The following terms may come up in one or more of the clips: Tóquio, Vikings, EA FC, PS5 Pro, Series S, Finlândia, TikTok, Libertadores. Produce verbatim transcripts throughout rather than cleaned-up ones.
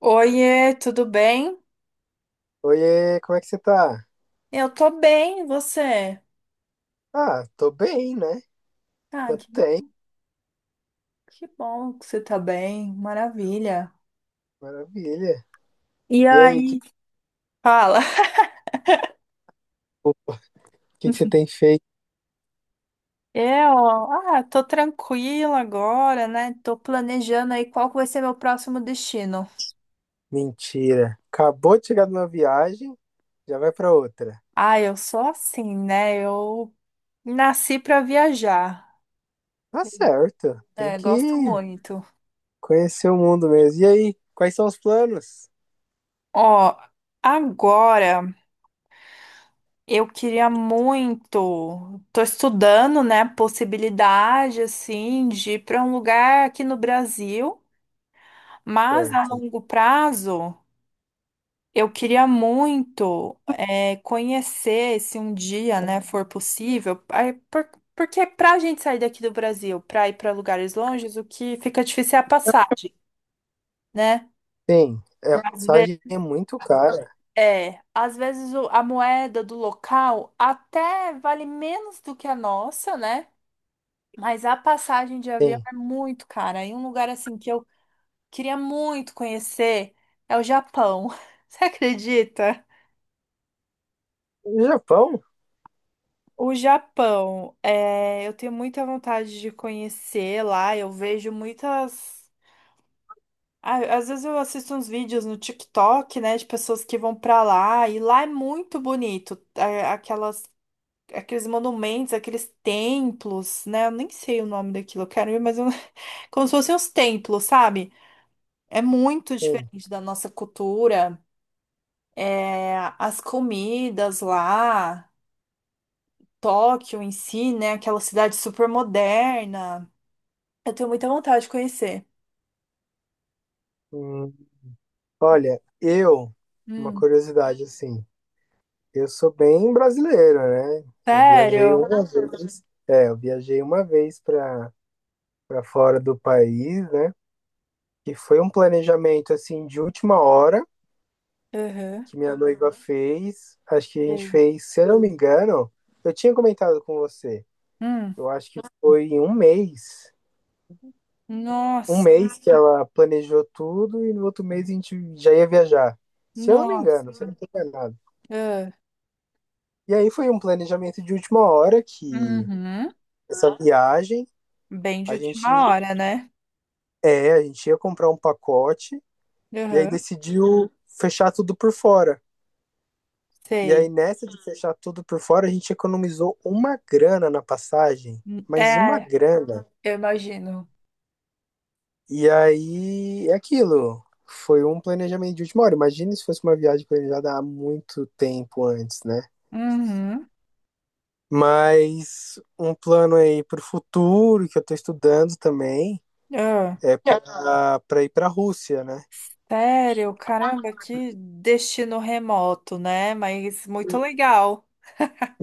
Oiê, tudo bem? Oiê, como é que você tá? Eu tô bem, e você? Ah, tô bem, né? Ah, Quanto que tempo, bom, que bom que você tá bem, maravilha. maravilha. E E aí, que, aí? Fala. o que que você tem feito? Eu, ah, tô tranquila agora, né? Tô planejando aí qual que vai ser meu próximo destino. Mentira. Acabou de chegar de uma viagem, já vai pra outra. Ah, eu sou assim, né? Eu nasci pra viajar. Tá certo, tem É, que gosto muito. conhecer o mundo mesmo. E aí, quais são os planos? Ó, agora. Eu queria muito. Tô estudando, né, a possibilidade assim de ir para um lugar aqui no Brasil, mas a Certo. longo prazo eu queria muito é, conhecer, se um dia, né, for possível, aí, por- porque para a gente sair daqui do Brasil, para ir para lugares longes, o que fica difícil é a passagem, né? Sim, é, a Às passagem vezes, é muito cara. é, às vezes o- a moeda do local até vale menos do que a nossa, né? Mas a passagem de avião Sim. é muito cara. E um lugar assim que eu queria muito conhecer é o Japão. Você acredita? No Japão? O Japão, é, eu tenho muita vontade de conhecer lá. Eu vejo muitas. Ah, às vezes eu assisto uns vídeos no TikTok, né, de pessoas que vão pra lá. E lá é muito bonito. É, aquelas, aqueles monumentos, aqueles templos, né? Eu nem sei o nome daquilo. Eu quero ir, mas eu... como se fossem os templos, sabe? É muito Sim. diferente da nossa cultura. É, as comidas lá, Tóquio em si, né? Aquela cidade super moderna. Eu tenho muita vontade de conhecer. Hum, olha, eu, uma Hum. curiosidade assim. Eu sou bem brasileiro, né? Eu viajei Sério? uma vez, é, eu viajei uma vez para para fora do país, né? E foi um planejamento assim de última hora Uhum. que minha noiva fez. Acho que a gente Bem. fez, se eu não me engano, eu tinha comentado com você. Hum. Eu acho que foi em um mês, um Nossa, mês que ela planejou tudo e no outro mês a gente já ia viajar. Se eu não me nossa. engano, se eu não estou enganado. Ah, E aí foi um planejamento de última hora que uhum. essa viagem Bem de a gente... última hora, né? É, a gente ia comprar um pacote e aí Uhum. decidiu fechar tudo por fora. E aí, Sei. nessa de fechar tudo por fora, a gente economizou uma grana na passagem, mas uma É, grana. eu imagino. E aí é aquilo. Foi um planejamento de última hora. Imagina se fosse uma viagem planejada há muito tempo antes, né? Uhum. Mas um plano aí para o futuro que eu estou estudando também Ah. é para para ir para a Rússia, né? Sério, caramba, que destino remoto, né? Mas muito legal.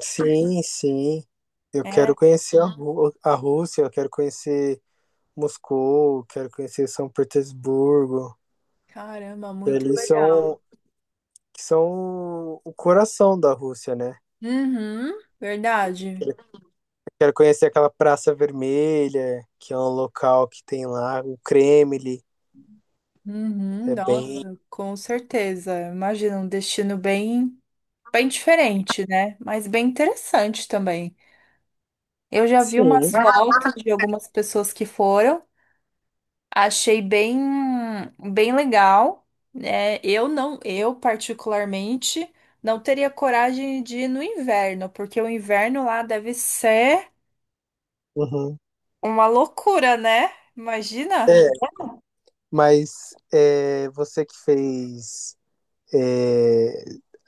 Sim, sim. Eu É, quero conhecer a, Ru- a Rússia, eu quero conhecer Moscou, eu quero conhecer São Petersburgo, caramba, que muito ali legal. são, que são o coração da Rússia, né? Uhum, verdade. Eu quero conhecer aquela Praça Vermelha, que é um local que tem lá, o Kremlin, Uhum, é bem... nossa, com certeza. Imagina um destino bem, bem diferente, né? Mas bem interessante também. Eu já vi Sim. umas fotos de algumas pessoas que foram. Achei bem, bem legal, né? Eu não, eu particularmente não teria coragem de ir no inverno, porque o inverno lá deve ser Uhum. uma loucura, né? É, Imagina? mas é, você que fez... é,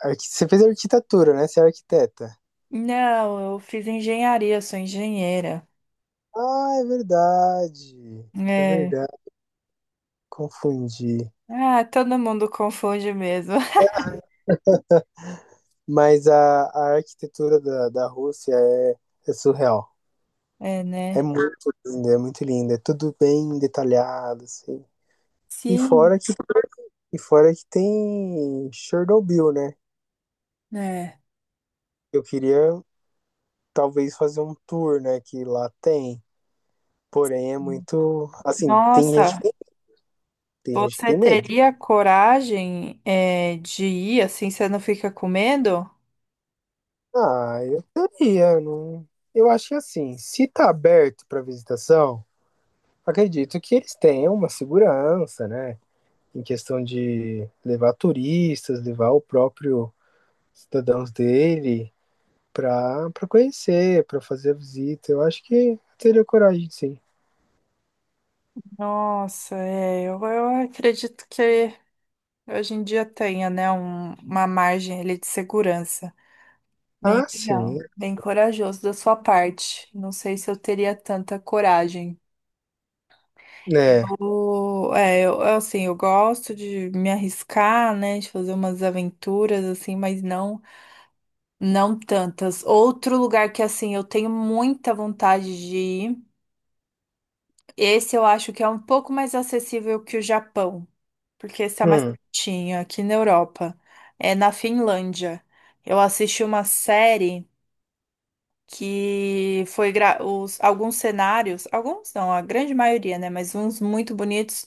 arqui- Você fez arquitetura, né? Você é arquiteta. Não, eu fiz engenharia, sou engenheira. Ah, é verdade. É É. verdade. Confundi. Ah, todo mundo confunde mesmo. Mas a, a arquitetura da, da Rússia é, é surreal. É, É né? muito linda, é muito linda. É tudo bem detalhado, assim. E fora Sim, que, e fora que tem Chernobyl, né? né? Eu queria talvez fazer um tour, né? Que lá tem. Porém, é muito. Assim, tem gente que Nossa, tem, tem gente que você tem medo. teria coragem, é, de ir assim, você não fica com medo? Ah, eu teria. Não... Eu acho que assim, se tá aberto para visitação. Acredito que eles tenham uma segurança, né? Em questão de levar turistas, levar o próprio cidadãos dele para para conhecer, para fazer a visita. Eu acho que teria coragem, sim. Nossa, é, eu, eu acredito que hoje em dia tenha, né, um- uma margem ali de segurança. Bem Ah, sim, legal, bem corajoso da sua parte. Não sei se eu teria tanta coragem. né? Eu, é, eu, assim, eu gosto de me arriscar, né, de fazer umas aventuras, assim, mas não, não tantas. Outro lugar que, assim, eu tenho muita vontade de ir, esse eu acho que é um pouco mais acessível que o Japão, porque está mais Hum, pertinho, aqui na Europa. É na Finlândia. Eu assisti uma série que foi gra- os, alguns cenários, alguns não, a grande maioria, né? Mas uns muito bonitos,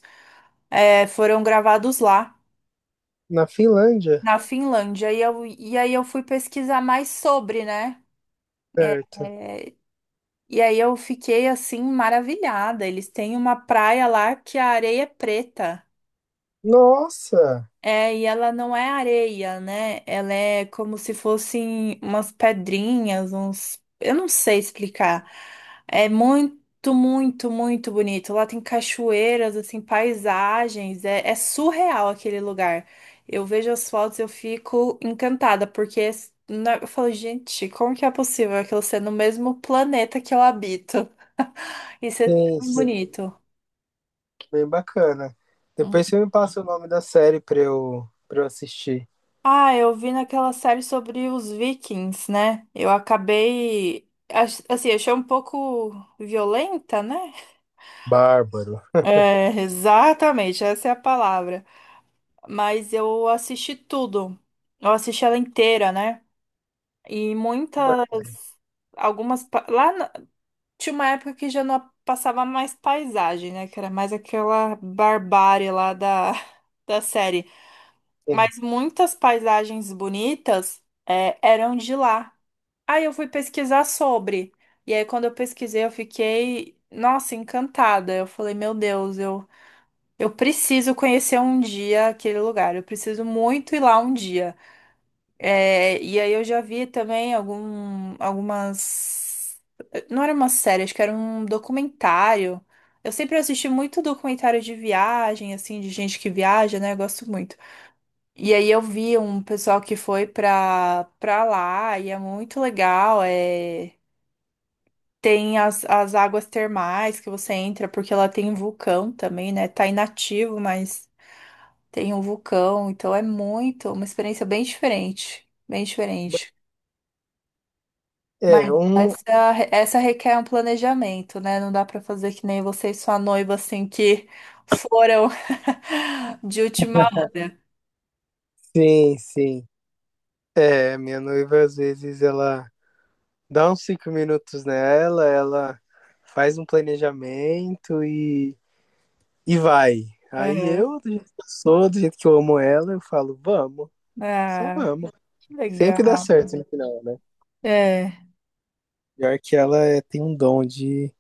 é, foram gravados lá, na Finlândia, na Finlândia. E, eu, e aí eu fui pesquisar mais sobre, né? É, certo. é, e aí eu fiquei assim maravilhada. Eles têm uma praia lá que a areia é preta. Nossa, É, e ela não é areia, né? Ela é como se fossem umas pedrinhas, uns. Eu não sei explicar. É muito, muito, muito bonito. Lá tem cachoeiras, assim, paisagens. É, é surreal aquele lugar. Eu vejo as fotos, eu fico encantada, porque s- na- eu falo, gente, como que é possível aquilo ser no mesmo planeta que eu habito? Isso é sim, tão sim, bonito. bem bacana. Depois você me passa o nome da série para eu, para eu assistir. Ah, eu vi naquela série sobre os Vikings, né? Eu acabei. ach- Assim, achei um pouco violenta, né? Bárbaro. É, exatamente, essa é a palavra. Mas eu assisti tudo. Eu assisti ela inteira, né? E muitas. Algumas. pa- Lá na- tinha uma época que já não passava mais paisagem, né? Que era mais aquela barbárie lá da, da série. Sim. Mas muitas paisagens bonitas, é, eram de lá. Aí eu fui pesquisar sobre. E aí, quando eu pesquisei, eu fiquei, nossa, encantada. Eu falei, meu Deus, eu, eu preciso conhecer um dia aquele lugar. Eu preciso muito ir lá um dia. É, e aí eu já vi também algum, algumas. Não era uma série, acho que era um documentário. Eu sempre assisti muito documentário de viagem, assim, de gente que viaja, né? Eu gosto muito. E aí eu vi um pessoal que foi pra, pra lá e é muito legal. É... Tem as, as águas termais que você entra, porque ela tem um vulcão também, né? Tá inativo, mas tem um vulcão, então é muito, uma experiência bem diferente, bem diferente. Mas É, um. essa, essa requer um planejamento, né? Não dá pra fazer que nem você e sua noiva, assim, que foram de última hora. Sim, sim. É, minha noiva às vezes ela dá uns cinco minutos nela, ela faz um planejamento e, e vai. Aí Uhum. eu, do jeito que eu sou, do jeito que eu amo ela, eu falo, vamos, só Ah, vamos. que E sempre dá legal. certo no final, né? É, Pior que ela é- tem um dom de,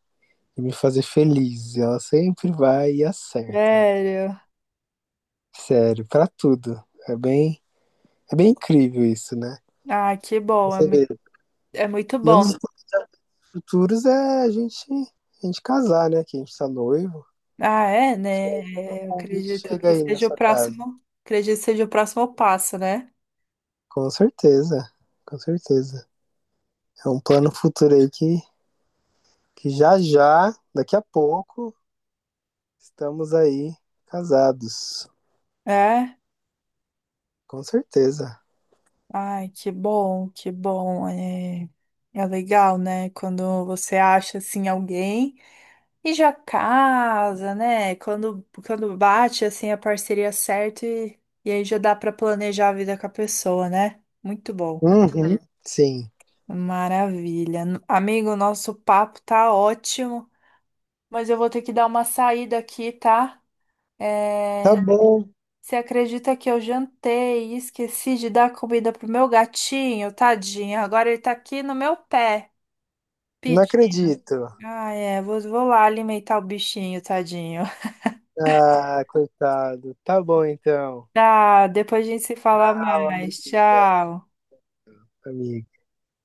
de me fazer feliz. Ela sempre vai e acerta. sério. Sério, pra tudo. É bem, é bem incrível isso, né? Ah, que Pra bom, é Você muito, vê. é muito E um bom. dos futuros é a gente, a gente casar, né? Que a gente tá noivo. Ah, é, né? O Eu convite acredito chega que aí na seja o sua casa. próximo, acredito que seja o próximo passo, né? Com certeza, com certeza. É um plano futuro aí que, que já já, daqui a pouco, estamos aí casados. É. Com certeza. Ai, que bom, que bom. É, é legal, né? Quando você acha assim alguém e já casa, né? Quando quando bate assim a parceria certa e, e aí já dá para planejar a vida com a pessoa, né? Muito bom. Uhum, sim. Maravilha. N- Amigo, nosso papo tá ótimo, mas eu vou ter que dar uma saída aqui, tá? Tá É, bom, você acredita que eu jantei e esqueci de dar comida pro meu gatinho, tadinho? Agora ele tá aqui no meu pé não pedindo. acredito. Ah, é, vou, vou lá alimentar o bichinho, tadinho. Ah, coitado. Tá bom então. Tá, depois a gente se fala Tchau, mais. amiga. Tchau. Amiga.